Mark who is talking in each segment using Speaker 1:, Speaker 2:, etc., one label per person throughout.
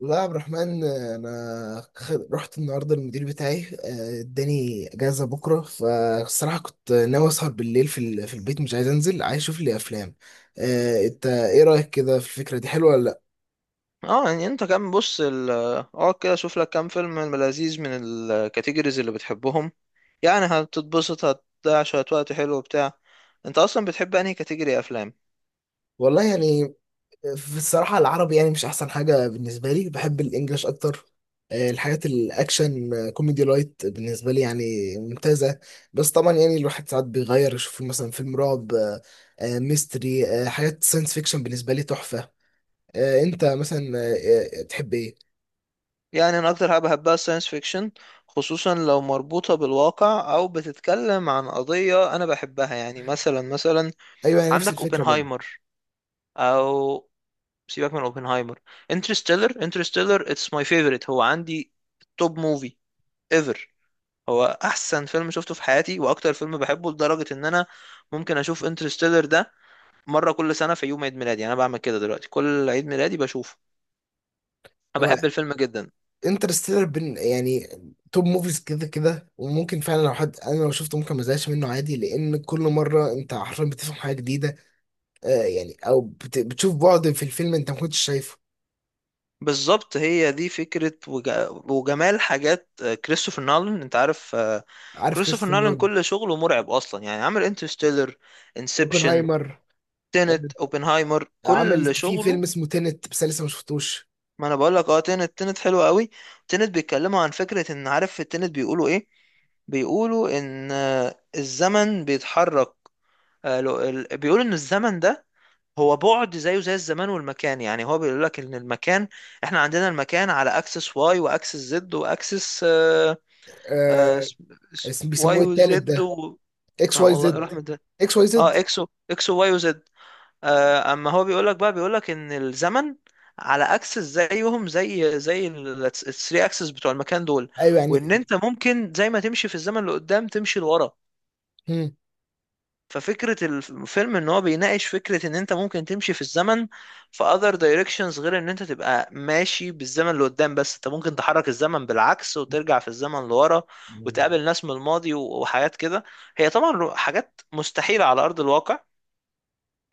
Speaker 1: لا يا عبد الرحمن، انا رحت النهارده، المدير بتاعي اداني اجازه بكره. فالصراحه كنت ناوي اسهر بالليل في في البيت، مش عايز انزل، عايز اشوف لي افلام. انت ايه رايك كده؟ في الفكره دي حلوه ولا لا؟
Speaker 2: اه يعني انت كم بص ال اه كده شوف لك كام فيلم من لذيذ من الكاتيجوريز اللي بتحبهم. يعني هتتبسط، هتضيع شوية وقت حلو وبتاع. انت اصلا بتحب انهي كاتيجوري افلام؟
Speaker 1: والله يعني، في الصراحه العربي يعني مش احسن حاجه بالنسبه لي، بحب الانجليش اكتر. الحاجات الاكشن، كوميدي لايت بالنسبه لي يعني ممتازه. بس طبعا يعني الواحد ساعات بيغير، يشوف مثلا فيلم رعب، ميستري، حاجات ساينس فيكشن بالنسبه لي تحفه. انت مثلا تحب ايه؟
Speaker 2: يعني انا اكتر حاجة بحبها الساينس فيكشن، خصوصا لو مربوطة بالواقع او بتتكلم عن قضية انا بحبها. يعني مثلا
Speaker 1: ايوه، انا نفس
Speaker 2: عندك
Speaker 1: الفكره برضه.
Speaker 2: اوبنهايمر، او سيبك من اوبنهايمر. انترستيلر اتس ماي فيفورت. هو عندي توب موفي ايفر. هو احسن فيلم شفته في حياتي واكتر فيلم بحبه، لدرجه ان انا ممكن اشوف انترستيلر ده مره كل سنه في يوم عيد ميلادي. يعني انا بعمل كده دلوقتي، كل عيد ميلادي بشوفه.
Speaker 1: هو
Speaker 2: انا بحب الفيلم جدا.
Speaker 1: انترستيلر بن يعني توب موفيز كده كده، وممكن فعلا لو حد انا لو شفته ممكن ما ازهقش منه عادي، لان كل مره انت حرفيا بتفهم حاجه جديده، يعني او بتشوف بعد في الفيلم انت ما كنتش شايفه.
Speaker 2: بالظبط، هي دي فكره وجمال حاجات كريستوفر نولان، انت عارف.
Speaker 1: عارف
Speaker 2: كريستوفر
Speaker 1: كريستوفر
Speaker 2: نولان
Speaker 1: نولان.
Speaker 2: كل شغله مرعب اصلا. يعني عامل انترستيلر، انسبشن،
Speaker 1: اوبنهايمر، آه،
Speaker 2: تينت، اوبنهايمر،
Speaker 1: عمل
Speaker 2: كل
Speaker 1: في
Speaker 2: شغله.
Speaker 1: فيلم اسمه تينت بس أنا لسه ما شفتوش.
Speaker 2: ما انا بقول لك اه، تنت حلو قوي. تنت بيتكلموا عن فكرة ان، عارف في التنت بيقولوا ايه؟ بيقولوا ان الزمن بيتحرك. بيقولوا ان الزمن ده هو بعد، زيه زي الزمان والمكان. يعني هو بيقول لك ان المكان، احنا عندنا المكان على اكسس واي واكسس زد واكسس
Speaker 1: آه، اسم بيسموه
Speaker 2: واي
Speaker 1: التالت
Speaker 2: وزد
Speaker 1: ده؟
Speaker 2: و...
Speaker 1: اكس
Speaker 2: ما
Speaker 1: واي
Speaker 2: والله
Speaker 1: زد
Speaker 2: رحمة ده.
Speaker 1: X Y Z.
Speaker 2: اه اكس وواي وزد. اما هو بيقولك بقى، بيقولك ان الزمن على اكسس زيهم زي زي ال 3 اكسس بتوع المكان دول.
Speaker 1: ايوه يعني.
Speaker 2: وان انت ممكن زي ما تمشي في الزمن لقدام، تمشي لورا. ففكرة الفيلم ان هو بيناقش فكرة ان انت ممكن تمشي في الزمن في other directions، غير ان انت تبقى ماشي بالزمن لقدام، بس انت ممكن تحرك الزمن بالعكس وترجع في الزمن لورا
Speaker 1: مم.
Speaker 2: وتقابل ناس من الماضي وحاجات كده. هي طبعا حاجات مستحيلة على ارض الواقع،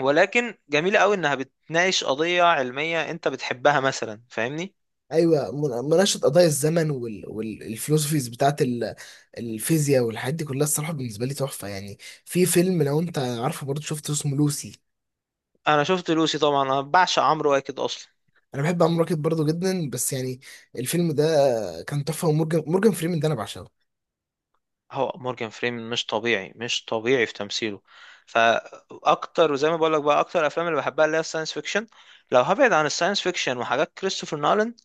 Speaker 2: ولكن جميلة قوي انها بتناقش قضية علمية انت بتحبها مثلا، فاهمني؟
Speaker 1: ايوه، مناقشه قضايا الزمن والفلوسفيز بتاعت الفيزياء والحاجات دي كلها، الصراحه بالنسبه لي تحفه يعني. في فيلم لو انت عارفه برضه شفته اسمه لوسي.
Speaker 2: انا شفت لوسي طبعا، انا بعشق عمرو واكد اصلا.
Speaker 1: انا بحب عمرو راكب برضه جدا، بس يعني الفيلم ده كان تحفه. ومورجان، مورجان فريمان ده انا بعشقه.
Speaker 2: هو مورجان فريمان مش طبيعي في تمثيله. فاكتر وزي ما بقول لك بقى، اكتر افلام اللي بحبها اللي هي الساينس فيكشن. لو هبعد عن الساينس فيكشن وحاجات كريستوفر نولان،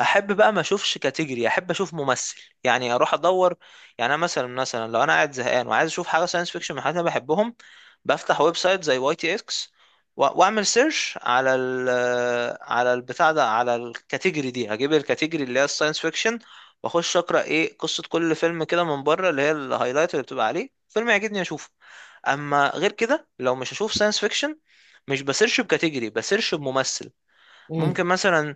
Speaker 2: احب بقى ما اشوفش كاتيجوري، احب اشوف ممثل. يعني اروح ادور. يعني انا مثلا، مثلا لو انا قاعد زهقان وعايز اشوف حاجه ساينس فيكشن من حاجات انا بحبهم، بفتح ويب سايت زي واي تي اكس واعمل سيرش على ال... على البتاع ده، على الكاتيجوري دي. هجيب الكاتيجوري اللي هي الساينس فيكشن، واخش اقرا ايه قصه كل فيلم كده من بره، اللي هي الهايلايت اللي بتبقى عليه. فيلم يعجبني اشوفه. اما غير كده، لو مش هشوف ساينس فيكشن، مش بسيرش بكاتيجوري، بسيرش بممثل.
Speaker 1: امم
Speaker 2: ممكن مثلا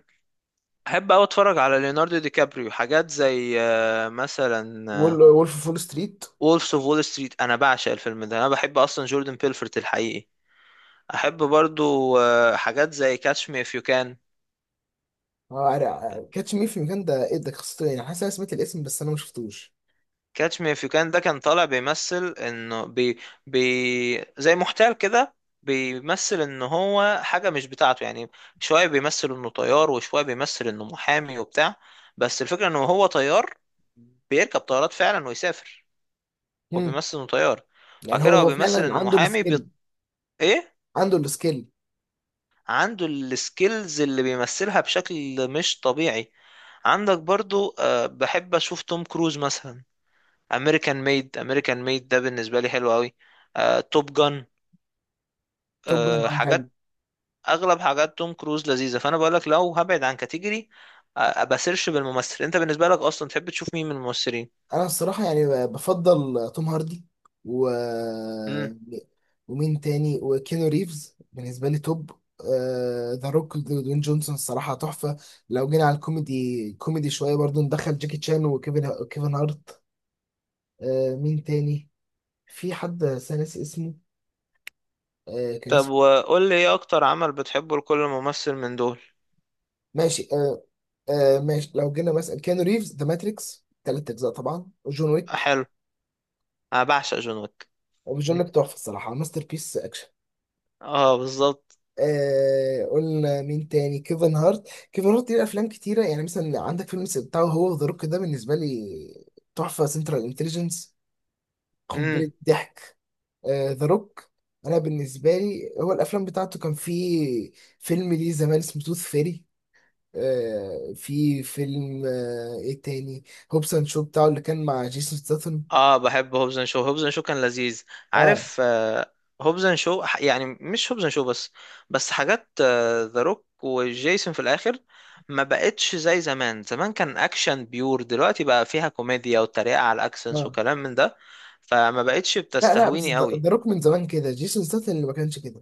Speaker 2: احب اوي اتفرج على ليوناردو دي كابريو، حاجات زي مثلا
Speaker 1: وولف فول ستريت.
Speaker 2: وولفز اوف وول ستريت. انا بعشق الفيلم ده، انا بحب اصلا جوردن بيلفورت الحقيقي. احب برضو حاجات زي كاتش مي اف يو كان.
Speaker 1: كاتش مي في المكان ده ايه؟ ده قصته إيه؟ يعني حاسس انا سمعت الاسم بس انا ما شفتوش.
Speaker 2: كاتش مي اف يو كان ده كان طالع بيمثل انه بي زي محتال كده. بيمثل ان هو حاجة مش بتاعته يعني. شوية بيمثل انه طيار، وشوية بيمثل انه محامي وبتاع. بس الفكرة انه هو طيار، بيركب طيارات فعلا ويسافر. هو
Speaker 1: امم
Speaker 2: بيمثل انه طيار. بعد
Speaker 1: يعني هو
Speaker 2: كده هو
Speaker 1: هو
Speaker 2: بيمثل
Speaker 1: فعلا
Speaker 2: انه
Speaker 1: عنده
Speaker 2: محامي
Speaker 1: السكيل؟
Speaker 2: ايه،
Speaker 1: عنده السكيل.
Speaker 2: عنده السكيلز اللي بيمثلها بشكل مش طبيعي. عندك برضو أه، بحب اشوف توم كروز مثلا. امريكان ميد، امريكان ميد ده بالنسبه لي حلو قوي. توب جان.
Speaker 1: توب جان او حاجه.
Speaker 2: حاجات، اغلب حاجات توم كروز لذيذه. فانا بقول لك لو هبعد عن كاتيجوري، بسيرش بالممثل. انت بالنسبه لك اصلا تحب تشوف مين من الممثلين؟
Speaker 1: انا الصراحه يعني بفضل توم هاردي، و
Speaker 2: امم.
Speaker 1: ومين تاني، وكينو ريفز بالنسبه لي توب. ذا روك ودوين جونسون، الصراحه تحفه. لو جينا على الكوميدي، كوميدي شويه برضو ندخل جاكي تشان وكيفن، كيفن هارت. مين تاني؟ في حد بس أنا ناسي اسمه، كان
Speaker 2: طب
Speaker 1: اسمه...
Speaker 2: وقول لي ايه اكتر عمل بتحبه لكل ممثل من دول؟
Speaker 1: ماشي. ماشي، لو جينا مثلا كيانو ريفز، ذا ماتريكس 3 اجزاء طبعا، وجون ويك.
Speaker 2: حلو. انا بعشق جون ويك.
Speaker 1: وجون ويك تحفه الصراحه، ماستر بيس اكشن.
Speaker 2: اه بالظبط.
Speaker 1: قلنا مين تاني؟ كيفن هارت ليه افلام كتيره، يعني مثلا عندك فيلم بتاعه هو ذا روك، ده بالنسبه لي تحفه. سنترال انتليجنس
Speaker 2: مم.
Speaker 1: قنبله ضحك. ذا روك، انا بالنسبه لي هو الافلام بتاعته، كان في فيلم ليه زمان اسمه توث فيري. في فيلم، ايه تاني؟ هوبس اند شو بتاعه اللي كان مع جيسون ستاثام.
Speaker 2: اه بحب هوبز اند شو، هوبز اند شو كان لذيذ،
Speaker 1: اه.
Speaker 2: عارف آه. هوبز اند شو ح- يعني مش هوبز اند شو بس، بس حاجات ذا روك وجيسون في الاخر ما بقتش زي زمان. زمان كان اكشن بيور، دلوقتي بقى فيها كوميديا وتريقة على الاكسنس
Speaker 1: اه،
Speaker 2: وكلام من ده. فما بقتش
Speaker 1: لا لا، بس
Speaker 2: بتستهويني قوي.
Speaker 1: ذا روك من زمان كده، جيسون ستاثام اللي ما كانش كده.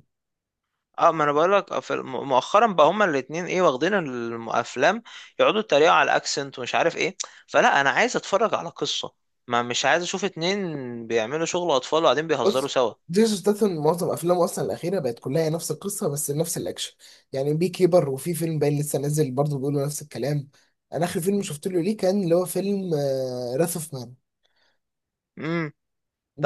Speaker 2: اه، ما انا بقول لك، مؤخرا بقى هما الاتنين، ايه، واخدين الافلام يقعدوا يتريقوا على الاكسنت ومش عارف ايه. فلا، انا عايز اتفرج على قصة، ما مش عايز اشوف اتنين بيعملوا شغل اطفال وقاعدين بيهزروا
Speaker 1: بص،
Speaker 2: سوا.
Speaker 1: جيسون ستاثام معظم افلامه اصلا الاخيره بقت كلها هي نفس القصه بس نفس الاكشن، يعني بي كيبر. وفي فيلم باين لسه نازل برضه بيقولوا نفس الكلام. انا اخر فيلم شفت له ليه كان اللي هو فيلم راث اوف مان.
Speaker 2: امم.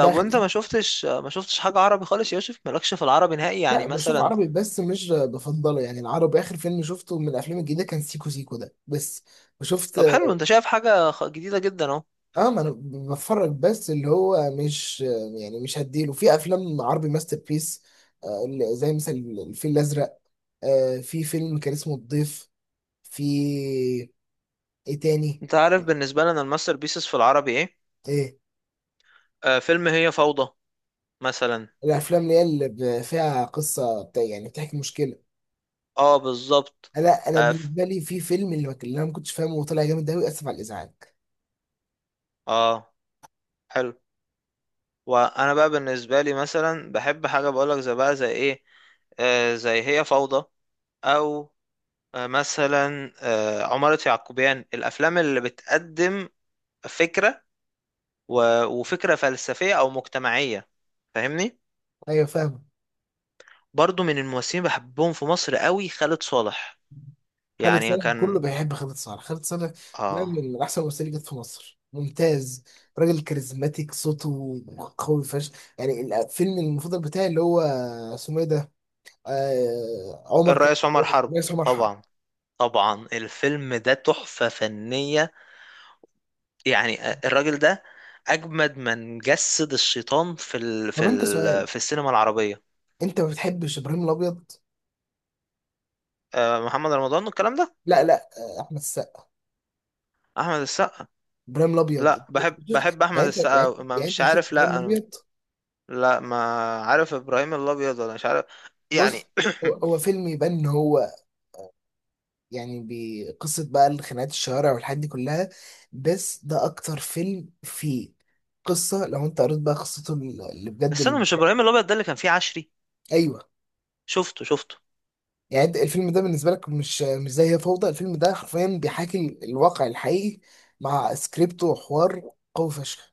Speaker 1: ده آخر
Speaker 2: وانت
Speaker 1: فيلم.
Speaker 2: ما شفتش حاجة عربي خالص يا يوسف؟ مالكش في العربي نهائي
Speaker 1: لا،
Speaker 2: يعني
Speaker 1: بشوف
Speaker 2: مثلا؟
Speaker 1: عربي بس مش بفضله يعني. العربي اخر فيلم شفته من الافلام الجديده كان سيكو سيكو ده بس. وشفت...
Speaker 2: طب حلو، انت شايف حاجة جديدة جدا اهو.
Speaker 1: اه، ما انا بتفرج بس اللي هو مش، يعني مش هديله. في افلام عربي ماستر بيس اللي زي مثلا الفيل الازرق، في فيلم كان اسمه الضيف. في ايه تاني؟
Speaker 2: انت عارف بالنسبة لنا الماستر بيسز في العربي ايه؟
Speaker 1: ايه،
Speaker 2: آه، فيلم هي فوضى مثلا.
Speaker 1: الافلام اللي هي اللي فيها قصه بتاع، يعني بتحكي مشكله.
Speaker 2: اه بالظبط.
Speaker 1: لا، انا
Speaker 2: اه ف-
Speaker 1: بالنسبه لي في فيلم اللي ما كان- اللي انا ما كنتش فاهمه وطلع جامد قوي. اسف على الازعاج.
Speaker 2: آه، حلو. وانا بقى بالنسبه لي مثلا بحب حاجه، بقولك زي بقى، زي ايه، آه زي هي فوضى، او آه مثلا، آه عمارة يعقوبيان، الافلام اللي بتقدم فكره وفكره فلسفيه او مجتمعيه، فاهمني.
Speaker 1: ايوه فاهمه.
Speaker 2: برضو من الممثلين بحبهم في مصر قوي خالد صالح،
Speaker 1: خالد
Speaker 2: يعني
Speaker 1: صالح
Speaker 2: كان...
Speaker 1: كله بيحب خالد صالح. خالد صالح ده
Speaker 2: اه،
Speaker 1: من احسن الممثلين اللي جت في مصر، ممتاز. راجل كاريزماتيك، صوته قوي فشخ. يعني الفيلم المفضل بتاعي اللي هو اسمه ايه ده؟ آه عمر ك...
Speaker 2: الرئيس عمر حرب.
Speaker 1: رئيس عمر حرب.
Speaker 2: طبعا، طبعا الفيلم ده تحفه فنيه. يعني الراجل ده اجمد من جسد الشيطان
Speaker 1: طب انت سؤال،
Speaker 2: في السينما العربيه.
Speaker 1: انت ما بتحبش ابراهيم الابيض؟
Speaker 2: محمد رمضان والكلام ده.
Speaker 1: لا لا، احمد السقا،
Speaker 2: احمد السقا.
Speaker 1: ابراهيم الابيض.
Speaker 2: لا، بحب احمد
Speaker 1: يعني انت
Speaker 2: السقا
Speaker 1: يعني انت-
Speaker 2: أوي. ما
Speaker 1: يعني انت
Speaker 2: مش
Speaker 1: مش شفت
Speaker 2: عارف،
Speaker 1: ابراهيم
Speaker 2: لا انا.
Speaker 1: الابيض؟
Speaker 2: لا، ما عارف ابراهيم الابيض ولا مش عارف يعني.
Speaker 1: بص، هو فيلم يبان ان هو يعني بقصه بقى، الخناقات، الشوارع، والحاجات دي كلها. بس ده اكتر فيلم فيه قصه، لو انت قريت بقى قصته اللي بجد
Speaker 2: استنى،
Speaker 1: اللي...
Speaker 2: مش ابراهيم الابيض ده اللي كان فيه عشري؟
Speaker 1: ايوه.
Speaker 2: شفته، شفته.
Speaker 1: يعني انت الفيلم ده بالنسبه لك مش زي هي فوضى؟ الفيلم ده حرفيا بيحاكي الواقع الحقيقي، مع سكريبت وحوار قوي فشخ.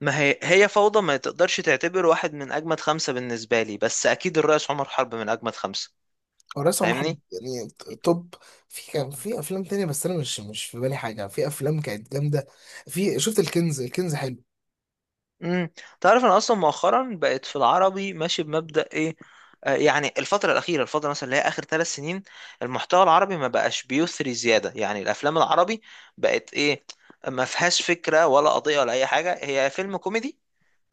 Speaker 2: ما هي، هي فوضى ما تقدرش تعتبر واحد من اجمد خمسة بالنسبه لي، بس اكيد الرئيس عمر حرب من اجمد خمسة.
Speaker 1: هو رأس محمد
Speaker 2: فاهمني.
Speaker 1: يعني توب. في، كان في افلام تانية، بس انا مش في بالي حاجه. في افلام كانت جامده، في شفت الكنز. الكنز حلو.
Speaker 2: امم. تعرف انا اصلا مؤخرا بقيت في العربي ماشي بمبدأ ايه؟ آه يعني الفترة الأخيرة، الفترة مثلا اللي هي آخر 3 سنين، المحتوى العربي ما بقاش بيثري زيادة. يعني الأفلام العربي بقت إيه، ما فيهاش فكرة ولا قضية ولا أي حاجة. هي فيلم كوميدي،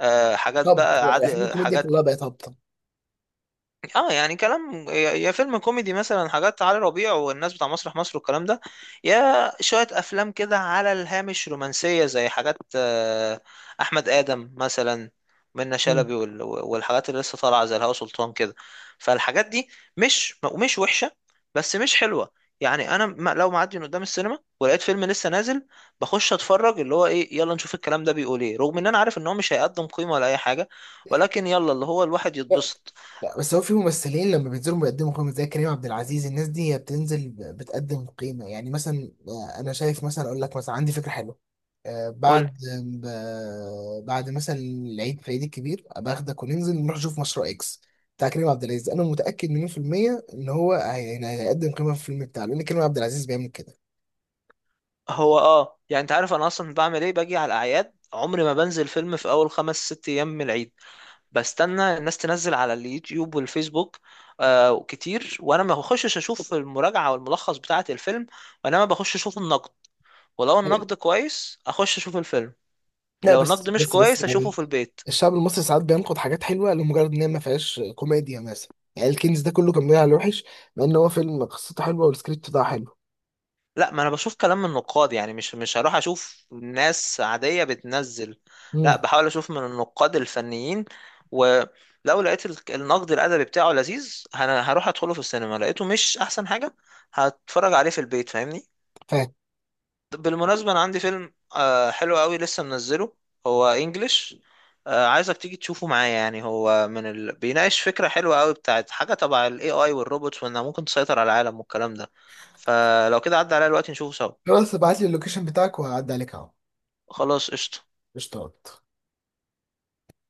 Speaker 2: آه، حاجات
Speaker 1: هبط،
Speaker 2: بقى عادي،
Speaker 1: الافلام الكوميديا
Speaker 2: حاجات.
Speaker 1: كلها بقت هابطه.
Speaker 2: اه يعني كلام، يا فيلم كوميدي مثلا، حاجات علي ربيع والناس بتاع مسرح مصر والكلام ده، يا شوية افلام كده على الهامش رومانسية، زي حاجات احمد ادم مثلا، منة
Speaker 1: مم.
Speaker 2: شلبي والحاجات اللي لسه طالعة زي الهوا سلطان كده. فالحاجات دي مش مش وحشة، بس مش حلوة. يعني انا لو معدي من قدام السينما ولقيت فيلم لسه نازل، بخش اتفرج اللي هو ايه، يلا نشوف الكلام ده بيقول ايه، رغم ان انا عارف ان هو مش هيقدم قيمة ولا اي حاجة، ولكن يلا اللي هو الواحد يتبسط.
Speaker 1: لا بس هو في ممثلين لما بينزلوا بيقدموا قيمة، زي كريم عبد العزيز، الناس دي هي بتنزل، بتقدم قيمة، يعني مثلا. أنا شايف مثلا، أقول لك مثلا، عندي فكرة حلوة.
Speaker 2: قول.
Speaker 1: بعد، بعد مثلا العيد، في العيد الكبير أبقى أخدك وننزل نروح نشوف مشروع إكس بتاع كريم عبد العزيز. أنا متأكد مليون في المية إن هو هيقدم قيمة في الفيلم بتاعه، لأن كريم عبد العزيز بيعمل كده.
Speaker 2: هو اه، يعني انت عارف انا اصلا بعمل ايه؟ باجي على الاعياد عمري ما بنزل فيلم في اول خمس ست ايام من العيد. بستنى الناس تنزل على اليوتيوب والفيسبوك آه كتير، وانا ما بخشش اشوف المراجعه والملخص بتاعه الفيلم، وانما بخش اشوف النقد. ولو النقد كويس اخش اشوف الفيلم،
Speaker 1: لا،
Speaker 2: لو
Speaker 1: بس،
Speaker 2: النقد مش كويس اشوفه
Speaker 1: يعني،
Speaker 2: في البيت.
Speaker 1: الشعب المصري ساعات بينقد حاجات حلوه لمجرد ان هي ما فيهاش كوميديا مثلا. يعني الكنز ده كله كان بيلعب على الوحش، مع ان هو فيلم قصته حلوه والسكريبت بتاعه حلو.
Speaker 2: لا، ما انا بشوف كلام من النقاد، يعني مش هروح اشوف ناس عادية بتنزل. لا،
Speaker 1: امم
Speaker 2: بحاول اشوف من النقاد الفنيين. ولو لقيت النقد الادبي بتاعه لذيذ انا هروح ادخله في السينما، لقيته مش احسن حاجة هتفرج عليه في البيت، فاهمني.
Speaker 1: فاهم.
Speaker 2: بالمناسبة انا عندي فيلم حلو قوي لسه منزله. هو انجلش. عايزك تيجي تشوفه معايا. يعني هو من ال... بيناقش فكرة حلوة قوي بتاعت حاجة تبع الاي اي والروبوتس وانها ممكن تسيطر على العالم والكلام ده. فلو كده عدى عليا الوقت نشوفه سوا.
Speaker 1: خلاص، ابعت لي اللوكيشن بتاعك وهعدي عليك اهو.
Speaker 2: خلاص قشطة.
Speaker 1: اشتغلت.